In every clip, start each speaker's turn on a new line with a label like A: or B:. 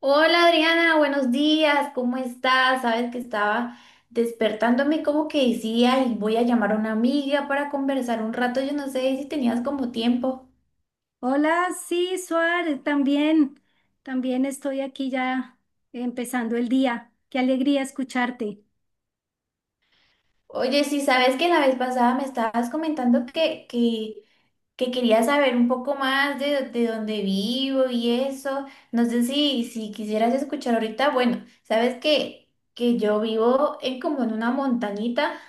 A: Hola Adriana, buenos días, ¿cómo estás? Sabes que estaba despertándome como que decía y voy a llamar a una amiga para conversar un rato, yo no sé si tenías como tiempo.
B: Hola, sí, Suar, también, también estoy aquí ya empezando el día. Qué alegría escucharte.
A: Oye, sí, sabes que la vez pasada me estabas comentando que querías saber un poco más de dónde vivo y eso, no sé si quisieras escuchar ahorita. Bueno, sabes que yo vivo en como en una montañita.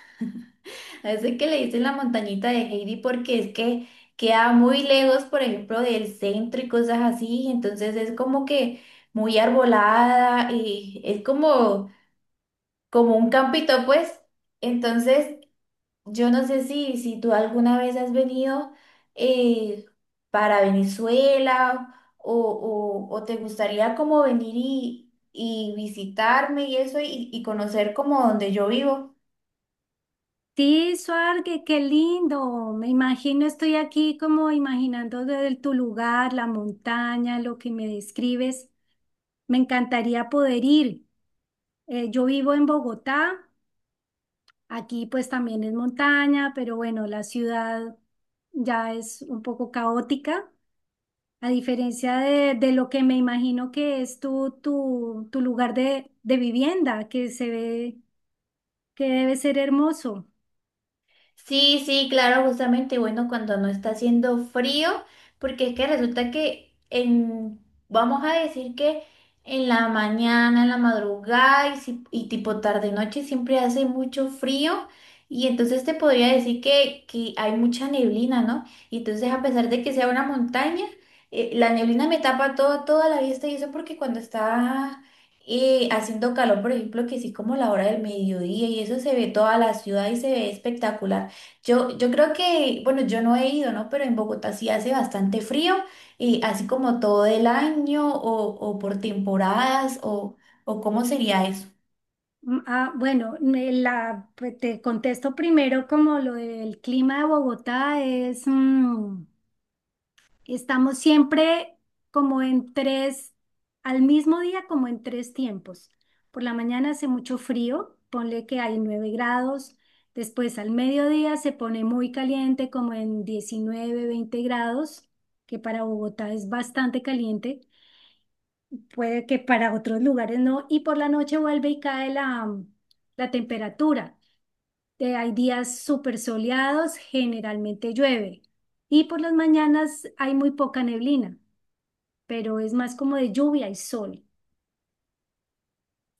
A: A ese que le dicen la montañita de Heidi porque es que queda muy lejos, por ejemplo, del centro y cosas así. Entonces es como que muy arbolada y es como un campito, pues. Entonces, yo no sé si tú alguna vez has venido, eh, para Venezuela o te gustaría como venir y visitarme y eso, y conocer como donde yo vivo.
B: Sí, Suar, qué lindo. Me imagino, estoy aquí como imaginando desde tu lugar, la montaña, lo que me describes. Me encantaría poder ir. Yo vivo en Bogotá, aquí pues también es montaña, pero bueno, la ciudad ya es un poco caótica. A diferencia de lo que me imagino que es tu lugar de vivienda, que se ve que debe ser hermoso.
A: Sí, sí, claro, justamente, bueno, cuando no está haciendo frío, porque es que resulta que, en, vamos a decir que en la mañana, en la madrugada y, si- y tipo tarde noche, siempre hace mucho frío, y entonces te podría decir que hay mucha neblina, ¿no? Y entonces, a pesar de que sea una montaña, la neblina me tapa todo, toda la vista y eso, porque cuando está haciendo calor, por ejemplo, que sí, como la hora del mediodía y eso, se ve toda la ciudad y se ve espectacular. Yo creo que, bueno, yo no he ido, ¿no? Pero en Bogotá sí hace bastante frío, y así como todo el año, o por temporadas, o cómo sería eso.
B: Bueno, me la, pues, te contesto primero como lo del clima de Bogotá es... Estamos siempre como en tres, al mismo día como en tres tiempos. Por la mañana hace mucho frío, ponle que hay 9 grados, después al mediodía se pone muy caliente como en 19, 20 grados, que para Bogotá es bastante caliente, puede que para otros lugares no, y por la noche vuelve y cae la, la temperatura. Hay días súper soleados, generalmente llueve, y por las mañanas hay muy poca neblina pero es más como de lluvia y sol.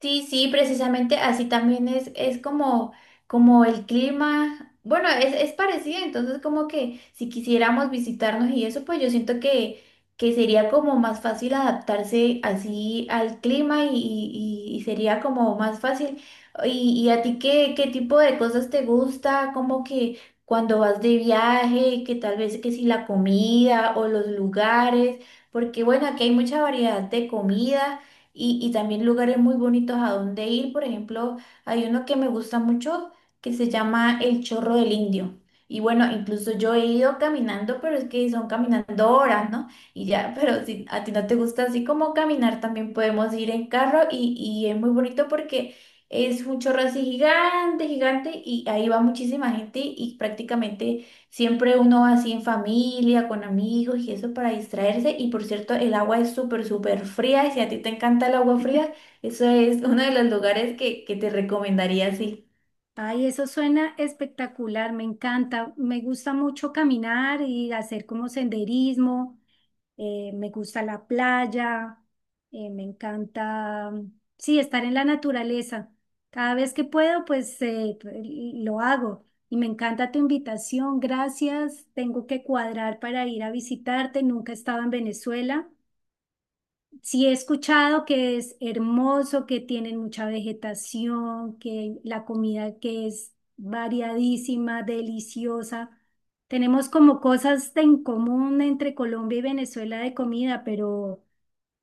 A: Sí, sí, precisamente, así también es como, como el clima. Bueno, es parecido, entonces como que, si quisiéramos visitarnos y eso, pues yo siento que sería como más fácil adaptarse así al clima, y sería como más fácil. ¿Y a ti qué tipo de cosas te gusta? Como que cuando vas de viaje, que tal vez que si la comida o los lugares, porque bueno, aquí hay mucha variedad de comida, y también lugares muy bonitos a donde ir. Por ejemplo, hay uno que me gusta mucho, que se llama El Chorro del Indio. Y bueno, incluso yo he ido caminando, pero es que son caminando horas, ¿no? Y ya, pero si a ti no te gusta así como caminar, también podemos ir en carro, y es muy bonito porque es un chorro así gigante, gigante, y ahí va muchísima gente, y prácticamente siempre uno va así en familia, con amigos y eso, para distraerse. Y por cierto, el agua es súper, súper fría. Y si a ti te encanta el agua fría, eso es uno de los lugares que te recomendaría, sí.
B: Ay, eso suena espectacular, me encanta. Me gusta mucho caminar y hacer como senderismo. Me gusta la playa. Me encanta, sí, estar en la naturaleza. Cada vez que puedo, pues, lo hago. Y me encanta tu invitación, gracias. Tengo que cuadrar para ir a visitarte. Nunca he estado en Venezuela. Sí, he escuchado que es hermoso, que tienen mucha vegetación, que la comida que es variadísima, deliciosa. Tenemos como cosas de en común entre Colombia y Venezuela de comida,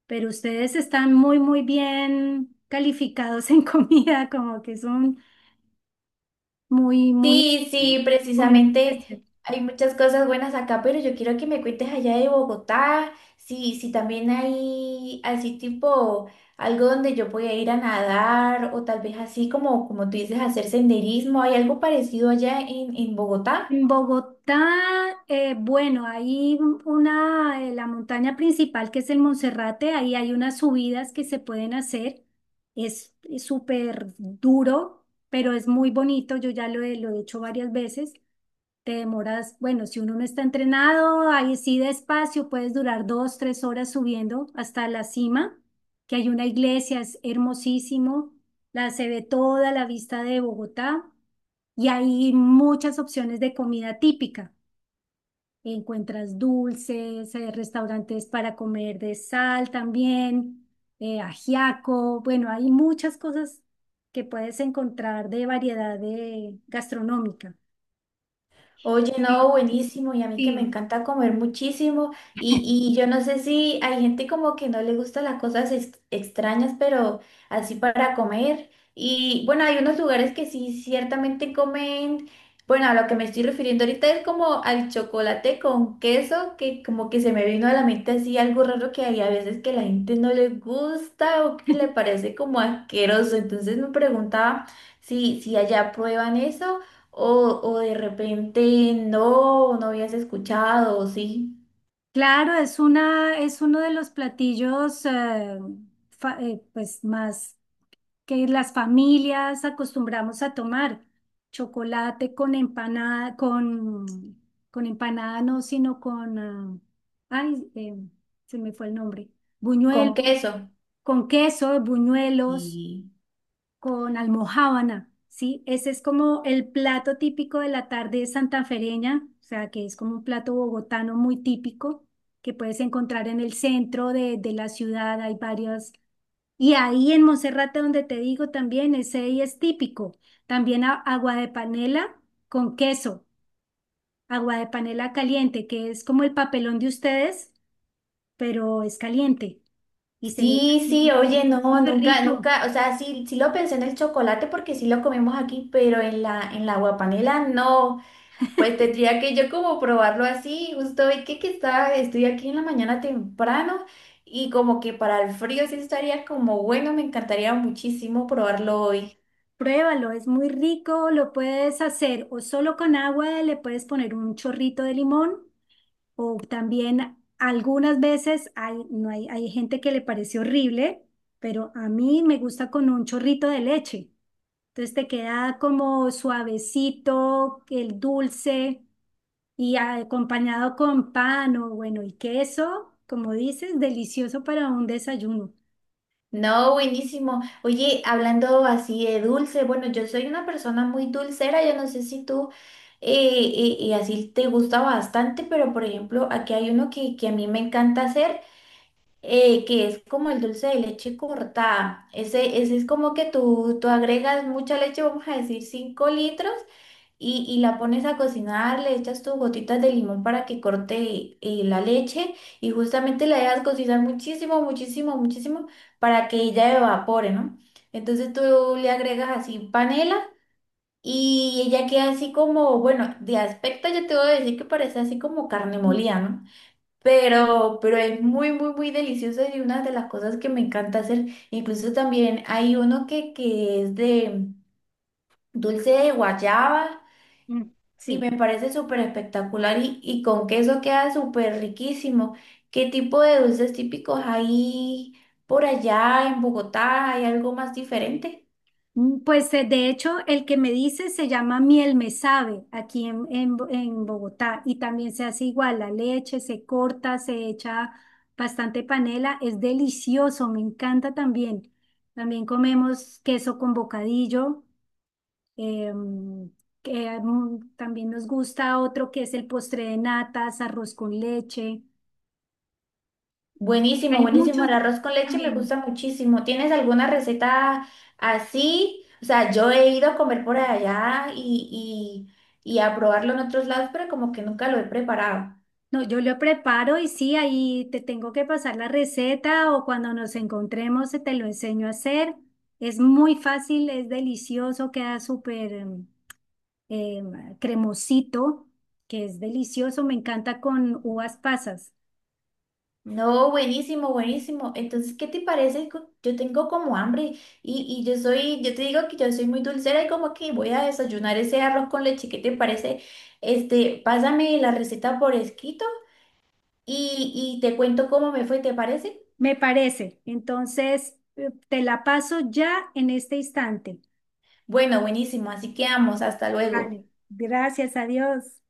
B: pero ustedes están muy, muy bien calificados en comida, como que son muy, muy
A: Sí, sí,
B: comida muy
A: precisamente
B: especial.
A: hay muchas cosas buenas acá, pero yo quiero que me cuentes allá de Bogotá. Sí, sí, también hay así tipo algo donde yo pueda ir a nadar, o tal vez así como, tú dices, hacer senderismo. ¿Hay algo parecido allá en Bogotá?
B: En Bogotá, bueno, hay una, la montaña principal que es el Monserrate, ahí hay unas subidas que se pueden hacer. Es súper duro, pero es muy bonito. Yo ya lo he hecho varias veces. Te demoras, bueno, si uno no está entrenado, ahí sí despacio, puedes durar 2, 3 horas subiendo hasta la cima, que hay una iglesia, es hermosísimo, la se ve toda la vista de Bogotá y hay muchas opciones de comida típica. Encuentras dulces, restaurantes para comer de sal también, ajiaco, bueno, hay muchas cosas que puedes encontrar de variedad de gastronómica.
A: Oye, no,
B: Sí,
A: buenísimo, y a mí que me
B: sí.
A: encanta comer muchísimo, y yo no sé si hay gente como que no le gustan las cosas extrañas, pero así para comer. Y bueno, hay unos lugares que sí ciertamente comen. Bueno, a lo que me estoy refiriendo ahorita es como al chocolate con queso, que como que se me vino a la mente así algo raro, que hay a veces que la gente no le gusta o que le parece como asqueroso. Entonces me preguntaba si allá prueban eso, o de repente no no habías escuchado, o sí,
B: Claro, es una, es uno de los platillos pues más que las familias acostumbramos a tomar. Chocolate con empanada, con empanada no, sino con, ay, eh, se me fue el nombre,
A: con
B: buñuelos,
A: queso.
B: con queso, buñuelos
A: Y
B: con almojábana, ¿sí? Ese es como el plato típico de la tarde santafereña, o sea, que es como un plato bogotano muy típico que puedes encontrar en el centro de la ciudad, hay varios. Y ahí en Monserrate, donde te digo también, ese ahí es típico. También agua de panela con queso, agua de panela caliente, que es como el papelón de ustedes, pero es caliente y se le echa
A: sí,
B: así,
A: sí,
B: y
A: oye,
B: es
A: no,
B: súper
A: nunca,
B: rico.
A: nunca, o sea, sí, sí lo pensé en el chocolate porque sí lo comemos aquí, pero en la guapanela no. Pues tendría que yo como probarlo así, justo hoy que estoy aquí en la mañana temprano, y como que para el frío sí estaría como bueno, me encantaría muchísimo probarlo hoy.
B: Pruébalo, es muy rico, lo puedes hacer o solo con agua, le puedes poner un chorrito de limón o también algunas veces hay, no hay, hay gente que le parece horrible, pero a mí me gusta con un chorrito de leche. Entonces te queda como suavecito, el dulce y acompañado con pan o bueno, y queso, como dices, delicioso para un desayuno.
A: No, buenísimo. Oye, hablando así de dulce, bueno, yo soy una persona muy dulcera, yo no sé si tú, eh, y así te gusta bastante. Pero por ejemplo, aquí hay uno que a mí me encanta hacer, que es como el dulce de leche cortada. Ese es como que tú agregas mucha leche, vamos a decir 5 litros, y la pones a cocinar, le echas tus gotitas de limón para que corte, la leche, y justamente la dejas cocinar muchísimo, muchísimo, muchísimo, para que ella evapore, ¿no? Entonces tú le agregas así panela, y ella queda así como, bueno, de aspecto yo te voy a decir que parece así como carne
B: Mm,
A: molida, ¿no? Pero es muy, muy, muy deliciosa, y una de las cosas que me encanta hacer. Incluso también hay uno que es de dulce de guayaba,
B: mm,
A: y
B: sí.
A: me parece súper espectacular, y con queso queda súper riquísimo. ¿Qué tipo de dulces típicos hay por allá en Bogotá? ¿Hay algo más diferente?
B: Mm, pues de hecho, el que me dice se llama miel me sabe aquí en en Bogotá y también se hace igual, la leche se corta, se echa bastante panela, es delicioso, me encanta también. También comemos queso con bocadillo, em, que, también nos gusta otro que es el postre de natas, arroz con leche.
A: Buenísimo,
B: Hay
A: buenísimo.
B: muchos
A: El arroz con leche me
B: también.
A: gusta muchísimo. ¿Tienes alguna receta así? O sea, yo he ido a comer por allá, y y a probarlo en otros lados, pero como que nunca lo he preparado.
B: No, yo lo preparo y sí, ahí te tengo que pasar la receta o cuando nos encontremos te lo enseño a hacer. Es muy fácil, es delicioso, queda súper eh, cremosito, que es delicioso, me encanta con uvas pasas,
A: No, buenísimo, buenísimo. Entonces, ¿qué te parece? Yo tengo como hambre, y yo te digo que yo soy muy dulcera, y como que voy a desayunar ese arroz con leche. ¿Qué te parece? Este, pásame la receta por escrito, y te cuento cómo me fue, ¿te parece?
B: me parece. Entonces, te la paso ya en este instante.
A: Bueno, buenísimo. Así que vamos, hasta luego.
B: Vale, gracias, adiós.